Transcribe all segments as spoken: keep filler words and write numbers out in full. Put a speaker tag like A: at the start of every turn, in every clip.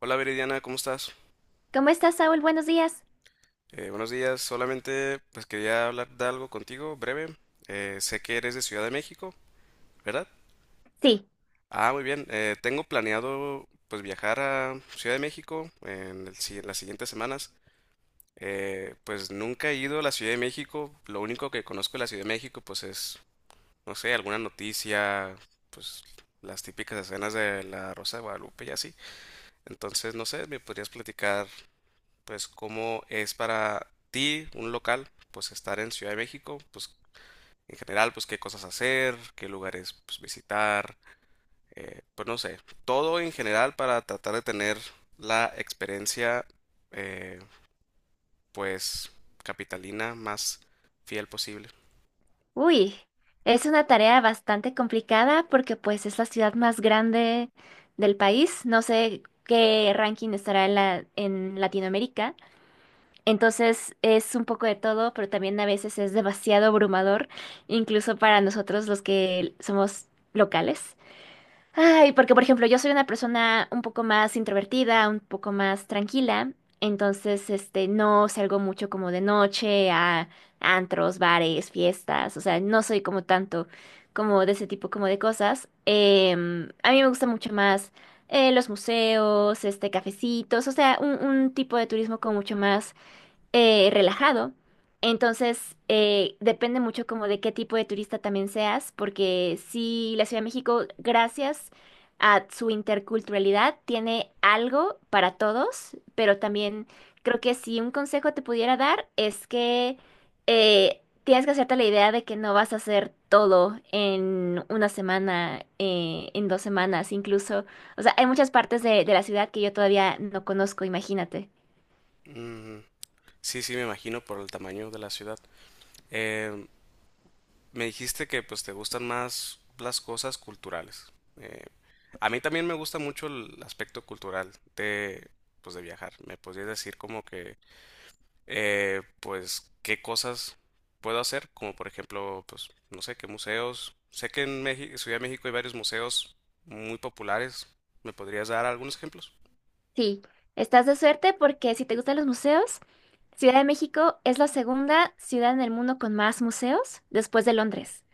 A: Hola Viridiana, ¿cómo estás?
B: ¿Cómo estás, Saúl? Buenos días.
A: Eh, buenos días, solamente pues quería hablar de algo contigo, breve. Eh, sé que eres de Ciudad de México, ¿verdad?
B: Sí,
A: Ah, muy bien. Eh, tengo planeado pues viajar a Ciudad de México en el si- en las siguientes semanas. Eh, pues nunca he ido a la Ciudad de México. Lo único que conozco de la Ciudad de México pues es, no sé, alguna noticia, pues las típicas escenas de la Rosa de Guadalupe y así. Entonces, no sé, ¿me podrías platicar pues cómo es para ti, un local, pues estar en Ciudad de México, pues en general, pues qué cosas hacer, qué lugares pues visitar, eh, pues no sé, todo en general para tratar de tener la experiencia eh, pues capitalina más fiel posible?
B: uy, es una tarea bastante complicada porque pues es la ciudad más grande del país. No sé qué ranking estará en la- en Latinoamérica. Entonces es un poco de todo, pero también a veces es demasiado abrumador, incluso para nosotros los que somos locales. Ay, porque por ejemplo, yo soy una persona un poco más introvertida, un poco más tranquila, entonces este no salgo mucho como de noche a antros, bares, fiestas, o sea, no soy como tanto como de ese tipo como de cosas. Em, a mí me gusta mucho más eh, los museos, este cafecitos, o sea, un, un tipo de turismo como mucho más eh, relajado. Entonces, eh, depende mucho como de qué tipo de turista también seas, porque sí, la Ciudad de México, gracias a su interculturalidad, tiene algo para todos, pero también creo que si un consejo te pudiera dar es que eh, tienes que hacerte la idea de que no vas a hacer todo en una semana, eh, en dos semanas incluso. O sea, hay muchas partes de de la ciudad que yo todavía no conozco, imagínate.
A: Mm, sí, sí, me imagino por el tamaño de la ciudad. Eh, Me dijiste que pues te gustan más las cosas culturales. Eh, A mí también me gusta mucho el aspecto cultural de, pues, de viajar. ¿Me podrías decir como que, eh, pues, qué cosas puedo hacer? Como por ejemplo, pues, no sé, qué museos. Sé que en México, Ciudad de México hay varios museos muy populares. ¿Me podrías dar algunos ejemplos?
B: Sí, estás de suerte porque si te gustan los museos, Ciudad de México es la segunda ciudad en el mundo con más museos después de Londres.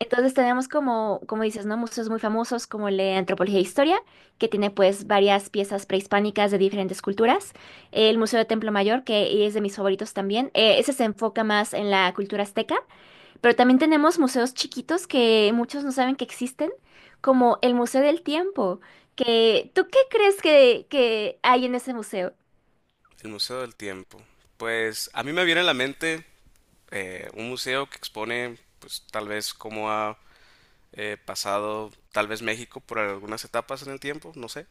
B: Entonces tenemos como, como dices, ¿no? Museos muy famosos como el de Antropología e Historia, que tiene pues varias piezas prehispánicas de diferentes culturas. El Museo de Templo Mayor, que es de mis favoritos también. Eh, ese se enfoca más en la cultura azteca. Pero también tenemos museos chiquitos que muchos no saben que existen, como el Museo del Tiempo, que ¿tú qué crees que, que hay en ese museo?
A: El Museo del Tiempo. Pues a mí me viene a la mente eh, un museo que expone, pues tal vez cómo ha eh, pasado, tal vez México por algunas etapas en el tiempo, no sé.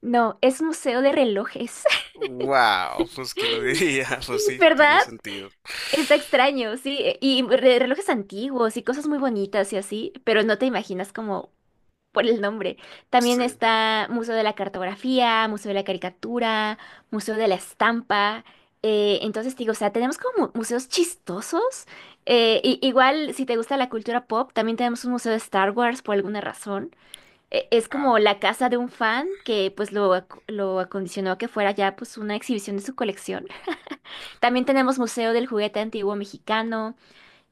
B: No, es museo de relojes,
A: Wow, pues quién lo diría, pues sí, tiene
B: ¿verdad?
A: sentido.
B: Está extraño, sí, y re- relojes antiguos y cosas muy bonitas y así, pero no te imaginas como por el nombre. También
A: Sí.
B: está Museo de la Cartografía, Museo de la Caricatura, Museo de la Estampa. Eh, entonces te digo, o sea, tenemos como mu- museos chistosos. Eh, i- igual, si te gusta la cultura pop, también tenemos un museo de Star Wars por alguna razón. Eh, es
A: Ah,
B: como la casa de un fan que pues lo, ac- lo acondicionó a que fuera ya pues una exhibición de su colección. También tenemos Museo del Juguete Antiguo Mexicano.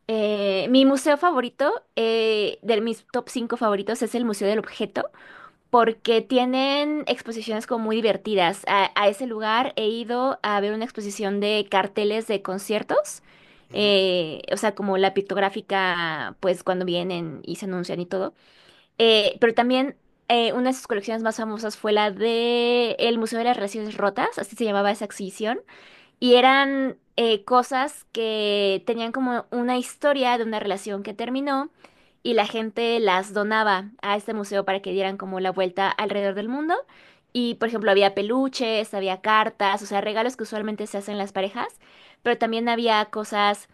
B: Eh, mi museo favorito, eh, de mis top cinco favoritos, es el Museo del Objeto porque tienen exposiciones como muy divertidas. A, a ese lugar he ido a ver una exposición de carteles de conciertos,
A: ujú,
B: eh, o sea, como la pictográfica, pues cuando vienen y se anuncian y todo. Eh, pero también eh, una de sus colecciones más famosas fue la de el Museo de las Relaciones Rotas, así se llamaba esa exhibición. Y eran eh, cosas que tenían como una historia de una relación que terminó y la gente las donaba a este museo para que dieran como la vuelta alrededor del mundo. Y por ejemplo, había peluches, había cartas, o sea, regalos que usualmente se hacen las parejas, pero también había cosas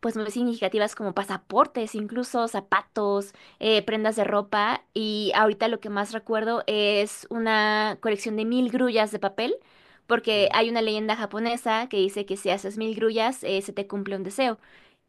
B: pues muy significativas como pasaportes, incluso zapatos, eh, prendas de ropa. Y ahorita lo que más recuerdo es una colección de mil grullas de papel, porque
A: ujú.
B: hay una leyenda japonesa que dice que si haces mil grullas, eh, se te cumple un deseo.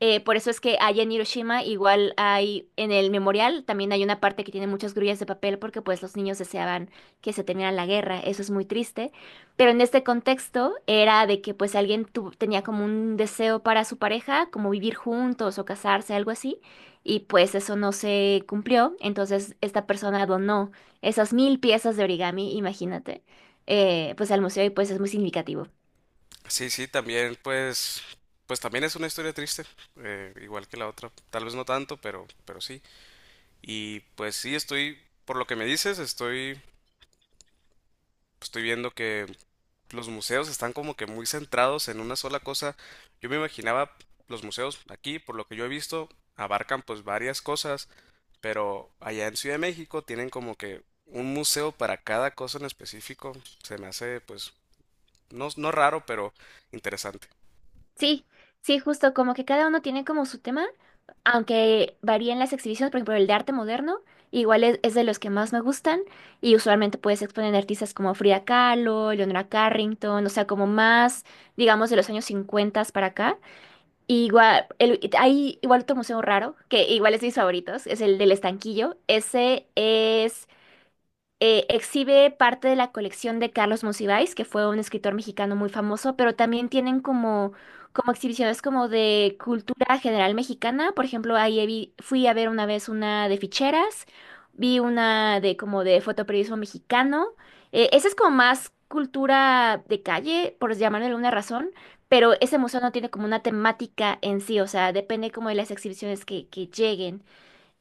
B: Eh, por eso es que allá en Hiroshima igual hay, en el memorial también hay una parte que tiene muchas grullas de papel porque pues los niños deseaban que se terminara la guerra. Eso es muy triste. Pero en este contexto era de que pues alguien tu- tenía como un deseo para su pareja, como vivir juntos o casarse, algo así, y pues eso no se cumplió. Entonces esta persona donó esas mil piezas de origami, imagínate, eh, pues al museo y pues es muy significativo.
A: Sí, sí, también pues pues también es una historia triste, eh, igual que la otra, tal vez no tanto, pero pero sí. Y pues sí estoy, por lo que me dices, estoy, estoy viendo que los museos están como que muy centrados en una sola cosa. Yo me imaginaba los museos aquí, por lo que yo he visto, abarcan pues varias cosas. Pero allá en Ciudad de México tienen como que un museo para cada cosa en específico. Se me hace, pues, no, no raro, pero interesante.
B: Sí, sí, justo como que cada uno tiene como su tema, aunque varían las exhibiciones, por ejemplo, el de arte moderno, igual es, es de los que más me gustan y usualmente puedes exponer artistas como Frida Kahlo, Leonora Carrington, o sea, como más, digamos, de los años cincuenta para acá. Y igual, el- hay igual otro museo raro, que igual es de mis favoritos, es el del Estanquillo. Ese es eh, exhibe parte de la colección de Carlos Monsiváis, que fue un escritor mexicano muy famoso, pero también tienen como, como exhibiciones como de cultura general mexicana. Por ejemplo, ahí vi- fui a ver una vez una de ficheras, vi una de como de fotoperiodismo mexicano. Eh, esa es como más cultura de calle, por llamarlo de alguna razón. Pero ese museo no tiene como una temática en sí, o sea, depende como de las exhibiciones que, que lleguen.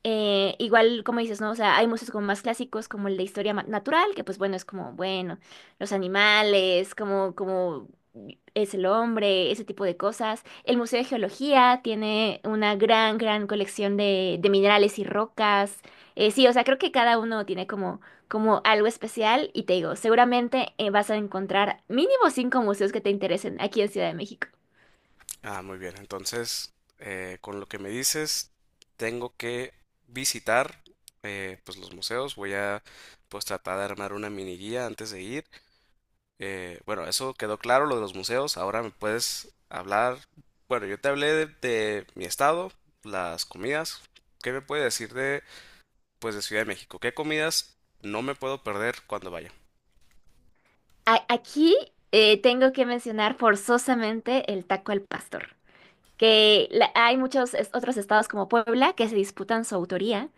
B: Eh, igual, como dices, ¿no? O sea, hay museos como más clásicos, como el de historia ma- natural, que pues bueno, es como, bueno, los animales, como, como es el hombre, ese tipo de cosas. El Museo de Geología tiene una gran, gran colección de, de minerales y rocas. Eh, sí, o sea, creo que cada uno tiene como, como algo especial y te digo, seguramente eh, vas a encontrar mínimo cinco museos que te interesen aquí en Ciudad de México.
A: Ah, muy bien. Entonces, eh, con lo que me dices, tengo que visitar, eh, pues, los museos. Voy a, pues, tratar de armar una mini guía antes de ir. Eh, bueno, eso quedó claro, lo de los museos. Ahora me puedes hablar. Bueno, yo te hablé de, de mi estado, las comidas. ¿Qué me puedes decir pues de Ciudad de México? ¿Qué comidas no me puedo perder cuando vaya?
B: A- aquí eh, tengo que mencionar forzosamente el taco al pastor. Que la- hay muchos es- otros estados como Puebla que se disputan su autoría,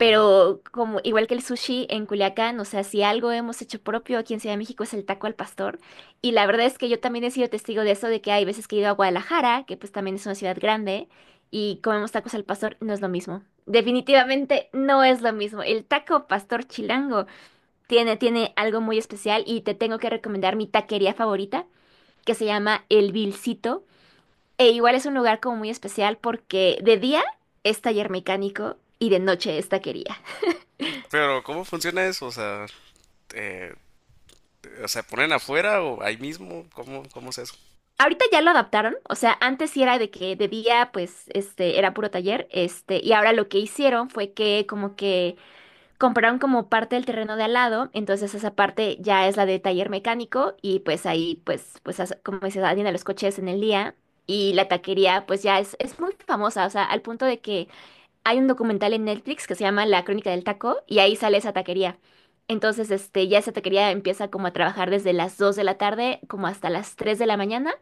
A: Ujú.
B: como igual que el sushi en Culiacán, o sea, si algo hemos hecho propio aquí en Ciudad de México es el taco al pastor, y la verdad es que yo también he sido testigo de eso, de que hay veces que he ido a Guadalajara, que pues también es una ciudad grande, y comemos tacos al pastor, no es lo mismo. Definitivamente no es lo mismo. El taco pastor chilango tiene, tiene algo muy especial y te tengo que recomendar mi taquería favorita, que se llama El Vilcito e igual es un lugar como muy especial porque de día es taller mecánico y de noche es taquería.
A: Pero ¿cómo funciona eso? O sea, eh, o sea, ¿ponen afuera o ahí mismo? ¿Cómo, cómo es eso?
B: Ahorita ya lo adaptaron, o sea, antes sí era de que de día pues este era puro taller, este, y ahora lo que hicieron fue que como que compraron como parte del terreno de al lado, entonces esa parte ya es la de taller mecánico y pues ahí pues pues as- como se atienden los coches en el día y la taquería pues ya es es muy famosa, o sea, al punto de que hay un documental en Netflix que se llama La Crónica del Taco y ahí sale esa taquería. Entonces, este, ya esa taquería empieza como a trabajar desde las dos de la tarde como hasta las tres de la mañana,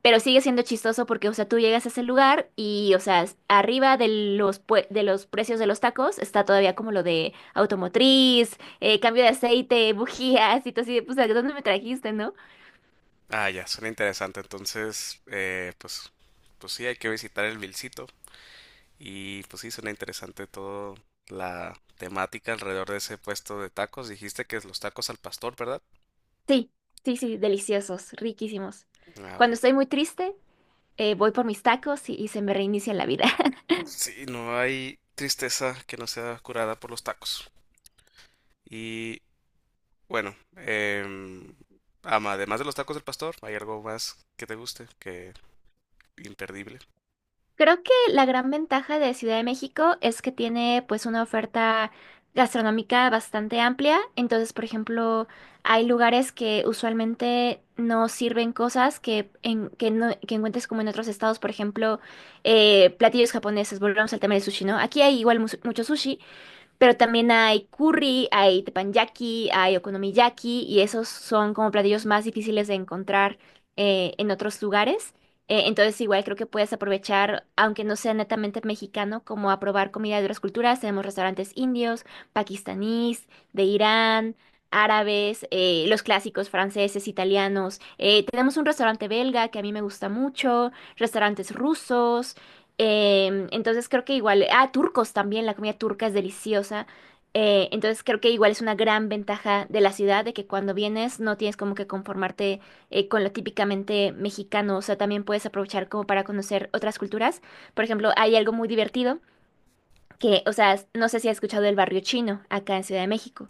B: pero sigue siendo chistoso porque, o sea, tú llegas a ese lugar y, o sea, s- arriba de los, pue- de los precios de los tacos está todavía como lo de automotriz, eh, cambio de aceite, bujías y todo así, de, pues, ¿a dónde me trajiste, no?
A: Ah, ya, suena interesante. Entonces, eh, pues, pues sí, hay que visitar el Vilcito. Y pues sí, suena interesante todo la temática alrededor de ese puesto de tacos. Dijiste que es los tacos al pastor, ¿verdad?
B: Sí, sí, sí, deliciosos, riquísimos.
A: Ah,
B: Cuando
A: ok.
B: estoy muy triste, eh, voy por mis tacos y, y se me reinicia la vida.
A: Sí, no hay tristeza que no sea curada por los tacos. Y bueno, em, ama- además de los tacos del pastor, ¿hay algo más que te guste? Que imperdible.
B: Creo que la gran ventaja de Ciudad de México es que tiene pues una oferta gastronómica bastante amplia. Entonces, por ejemplo, hay lugares que usualmente no sirven cosas que, en- que, no- que encuentres como en otros estados, por ejemplo, eh, platillos japoneses. Volvemos al tema del sushi, ¿no? Aquí hay igual mus- mucho sushi, pero también hay curry, hay teppanyaki, hay okonomiyaki y esos son como platillos más difíciles de encontrar eh, en otros lugares. Eh, entonces igual creo que puedes aprovechar, aunque no sea netamente mexicano, como a probar comida de otras culturas. Tenemos restaurantes indios, pakistaníes, de Irán, árabes, eh, los clásicos franceses, italianos. Eh, tenemos un restaurante belga que a mí me gusta mucho, restaurantes rusos. Em, entonces creo que igual, ah, turcos también, la comida turca es deliciosa. Eh, entonces creo que igual es una gran ventaja de la ciudad, de que cuando vienes no tienes como que conformarte eh, con lo típicamente mexicano, o sea, también puedes aprovechar como para conocer otras culturas. Por ejemplo, hay algo muy divertido que, o sea, no sé si has escuchado del barrio chino acá en Ciudad de México.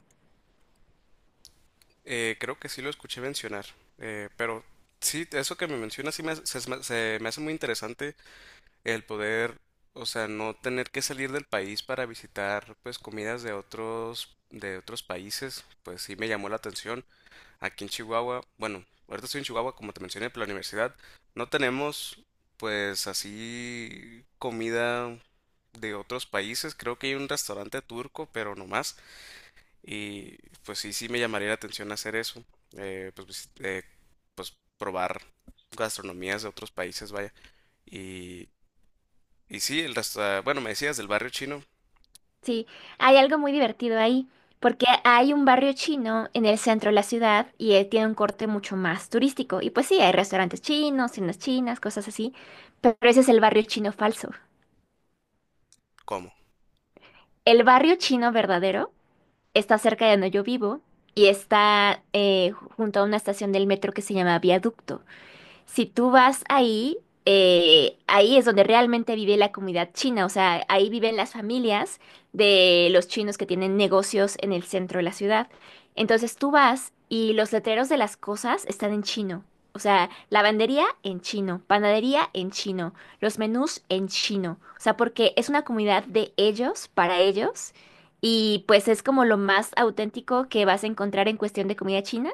A: Eh, creo que sí lo escuché mencionar, eh, pero sí, eso que me mencionas sí me, hace- se, me se me hace muy interesante el poder, o sea, no tener que salir del país para visitar pues comidas de otros, de otros países, pues sí me llamó la atención. Aquí en Chihuahua, bueno, ahorita estoy en Chihuahua, como te mencioné, por la universidad. No tenemos, pues, así comida de otros países. Creo que hay un restaurante turco, pero no más. Y pues sí, sí me llamaría la atención hacer eso. Eh, pues, vis- eh, pues probar gastronomías de otros países, vaya. Y, y sí, el restaurante, bueno, me decías del barrio chino,
B: Sí, hay algo muy divertido ahí, porque hay un barrio chino en el centro de la ciudad y eh, tiene un corte mucho más turístico. Y pues sí, hay restaurantes chinos, tiendas chinas, cosas así, pero ese es el barrio chino falso.
A: ¿cómo?
B: El barrio chino verdadero está cerca de donde yo vivo y está eh, junto a una estación del metro que se llama Viaducto. Si tú vas ahí, eh, ahí es donde realmente vive la comunidad china, o sea, ahí viven las familias de los chinos que tienen negocios en el centro de la ciudad. Entonces tú vas y los letreros de las cosas están en chino. O sea, lavandería en chino, panadería en chino, los menús en chino. O sea, porque es una comunidad de ellos, para ellos, y pues es como lo más auténtico que vas a encontrar en cuestión de comida china.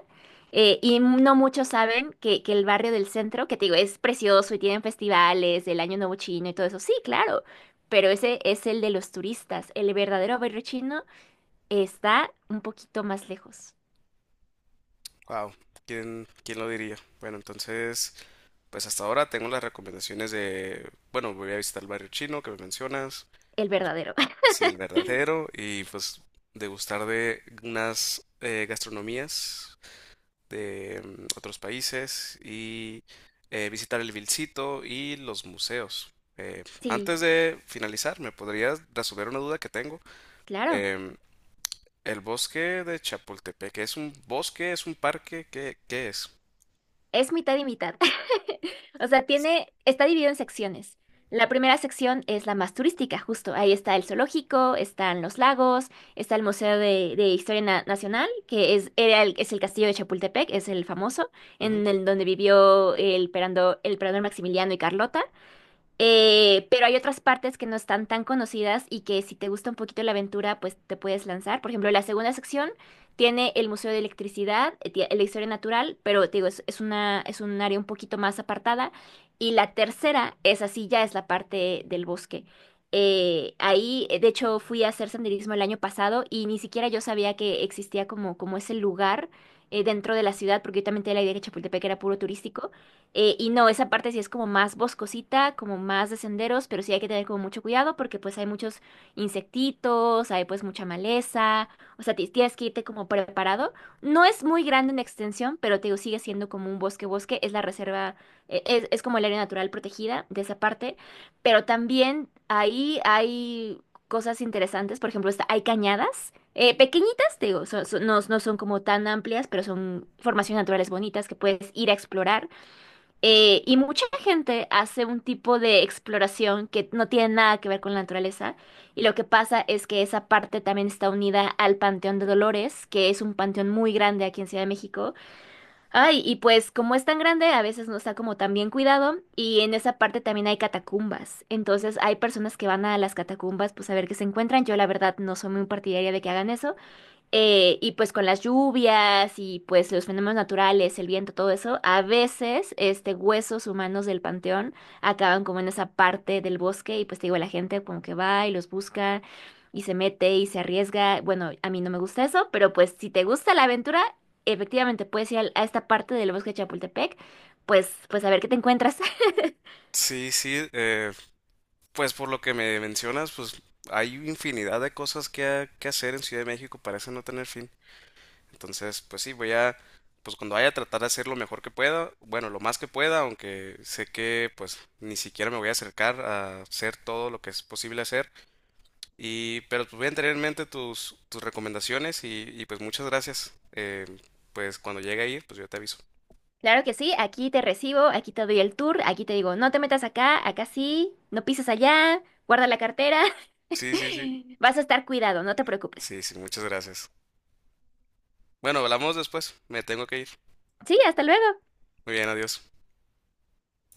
B: Eh, y no muchos saben que, que el barrio del centro, que te digo, es precioso y tienen festivales, el Año Nuevo Chino y todo eso. Sí, claro, pero ese es el de los turistas. El verdadero barrio chino está un poquito más lejos.
A: Wow, ¿quién, quién lo diría? Bueno, entonces... Pues hasta ahora tengo las recomendaciones de, bueno, voy a visitar el barrio chino que me mencionas,
B: El verdadero.
A: sí, el verdadero, y pues degustar de unas eh, gastronomías de mm, otros países y eh, visitar el Vilcito y los museos. Eh,
B: Sí,
A: antes de finalizar, ¿me podrías resolver una duda que tengo?
B: claro.
A: Em, el bosque de Chapultepec, ¿es un bosque? ¿Es un parque? ¿Qué, qué es?
B: Es mitad y mitad. O sea, tiene, está dividido en secciones. La primera sección es la más turística, justo. Ahí está el zoológico, están los lagos, está el Museo de, de Historia Na- Nacional, que es, era el, es el castillo de Chapultepec, es el famoso,
A: Ujú.
B: en el donde vivió el, perando- el emperador Maximiliano y Carlota. Eh, pero hay otras partes que no están tan conocidas y que si te gusta un poquito la aventura, pues te puedes lanzar. Por ejemplo, la segunda sección tiene el Museo de Electricidad, eh, tie- la historia natural, pero te digo, es, es una, es un área un poquito más apartada. Y la tercera es así, ya es la parte del bosque. Eh, ahí, eh, de hecho, fui a hacer senderismo el año pasado y ni siquiera yo sabía que existía como, como ese lugar eh, dentro de la ciudad, porque yo también tenía la idea que Chapultepec era puro turístico. Eh, y no, esa parte sí es como más boscosita, como más de senderos, pero sí hay que tener como mucho cuidado porque pues hay muchos insectitos, hay pues mucha maleza, o sea, ti- tienes que irte como preparado. No es muy grande en extensión, pero te digo, sigue siendo como un bosque bosque, es la reserva, eh, es, es como el área natural protegida de esa parte, pero también ahí hay cosas interesantes, por ejemplo, está- hay cañadas. eh, pequeñitas, te digo, son- son- no, no son como tan amplias, pero son formaciones naturales bonitas que puedes ir a explorar. Eh, y mucha gente hace un tipo de exploración que no tiene nada que ver con la naturaleza. Y lo que pasa es que esa parte también está unida al Panteón de Dolores, que es un panteón muy grande aquí en Ciudad de México. Ay, y pues como es tan grande, a veces no está como tan bien cuidado. Y en esa parte también hay catacumbas. Entonces hay personas que van a las catacumbas pues a ver qué se encuentran. Yo la verdad no soy muy partidaria de que hagan eso. Eh, y pues con las lluvias y pues los fenómenos naturales, el viento, todo eso, a veces este huesos humanos del panteón acaban como en esa parte del bosque y pues te digo, la gente como que va y los busca y se mete y se arriesga. Bueno, a mí no me gusta eso, pero pues si te gusta la aventura, efectivamente puedes ir al- a esta parte del bosque de Chapultepec, pues pues a ver qué te encuentras.
A: Sí, sí, eh, pues por lo que me mencionas, pues hay infinidad de cosas que, ha- que hacer en Ciudad de México, parece no tener fin. Entonces, pues sí, voy a, pues cuando vaya, a tratar de hacer lo mejor que pueda, bueno, lo más que pueda, aunque sé que pues ni siquiera me voy a acercar a hacer todo lo que es posible hacer. Y, pero pues voy a tener en mente tus, tus recomendaciones y, y, pues muchas gracias. Eh, pues cuando llegue a ir, pues yo te aviso.
B: Claro que sí, aquí te recibo, aquí te doy el tour, aquí te digo, no te metas acá, acá sí, no pises allá, guarda la cartera.
A: Sí, sí, sí.
B: Vas a estar cuidado, no te preocupes.
A: Sí, sí, muchas gracias. Bueno, hablamos después. Me tengo que ir.
B: Sí, hasta luego.
A: Muy bien, adiós.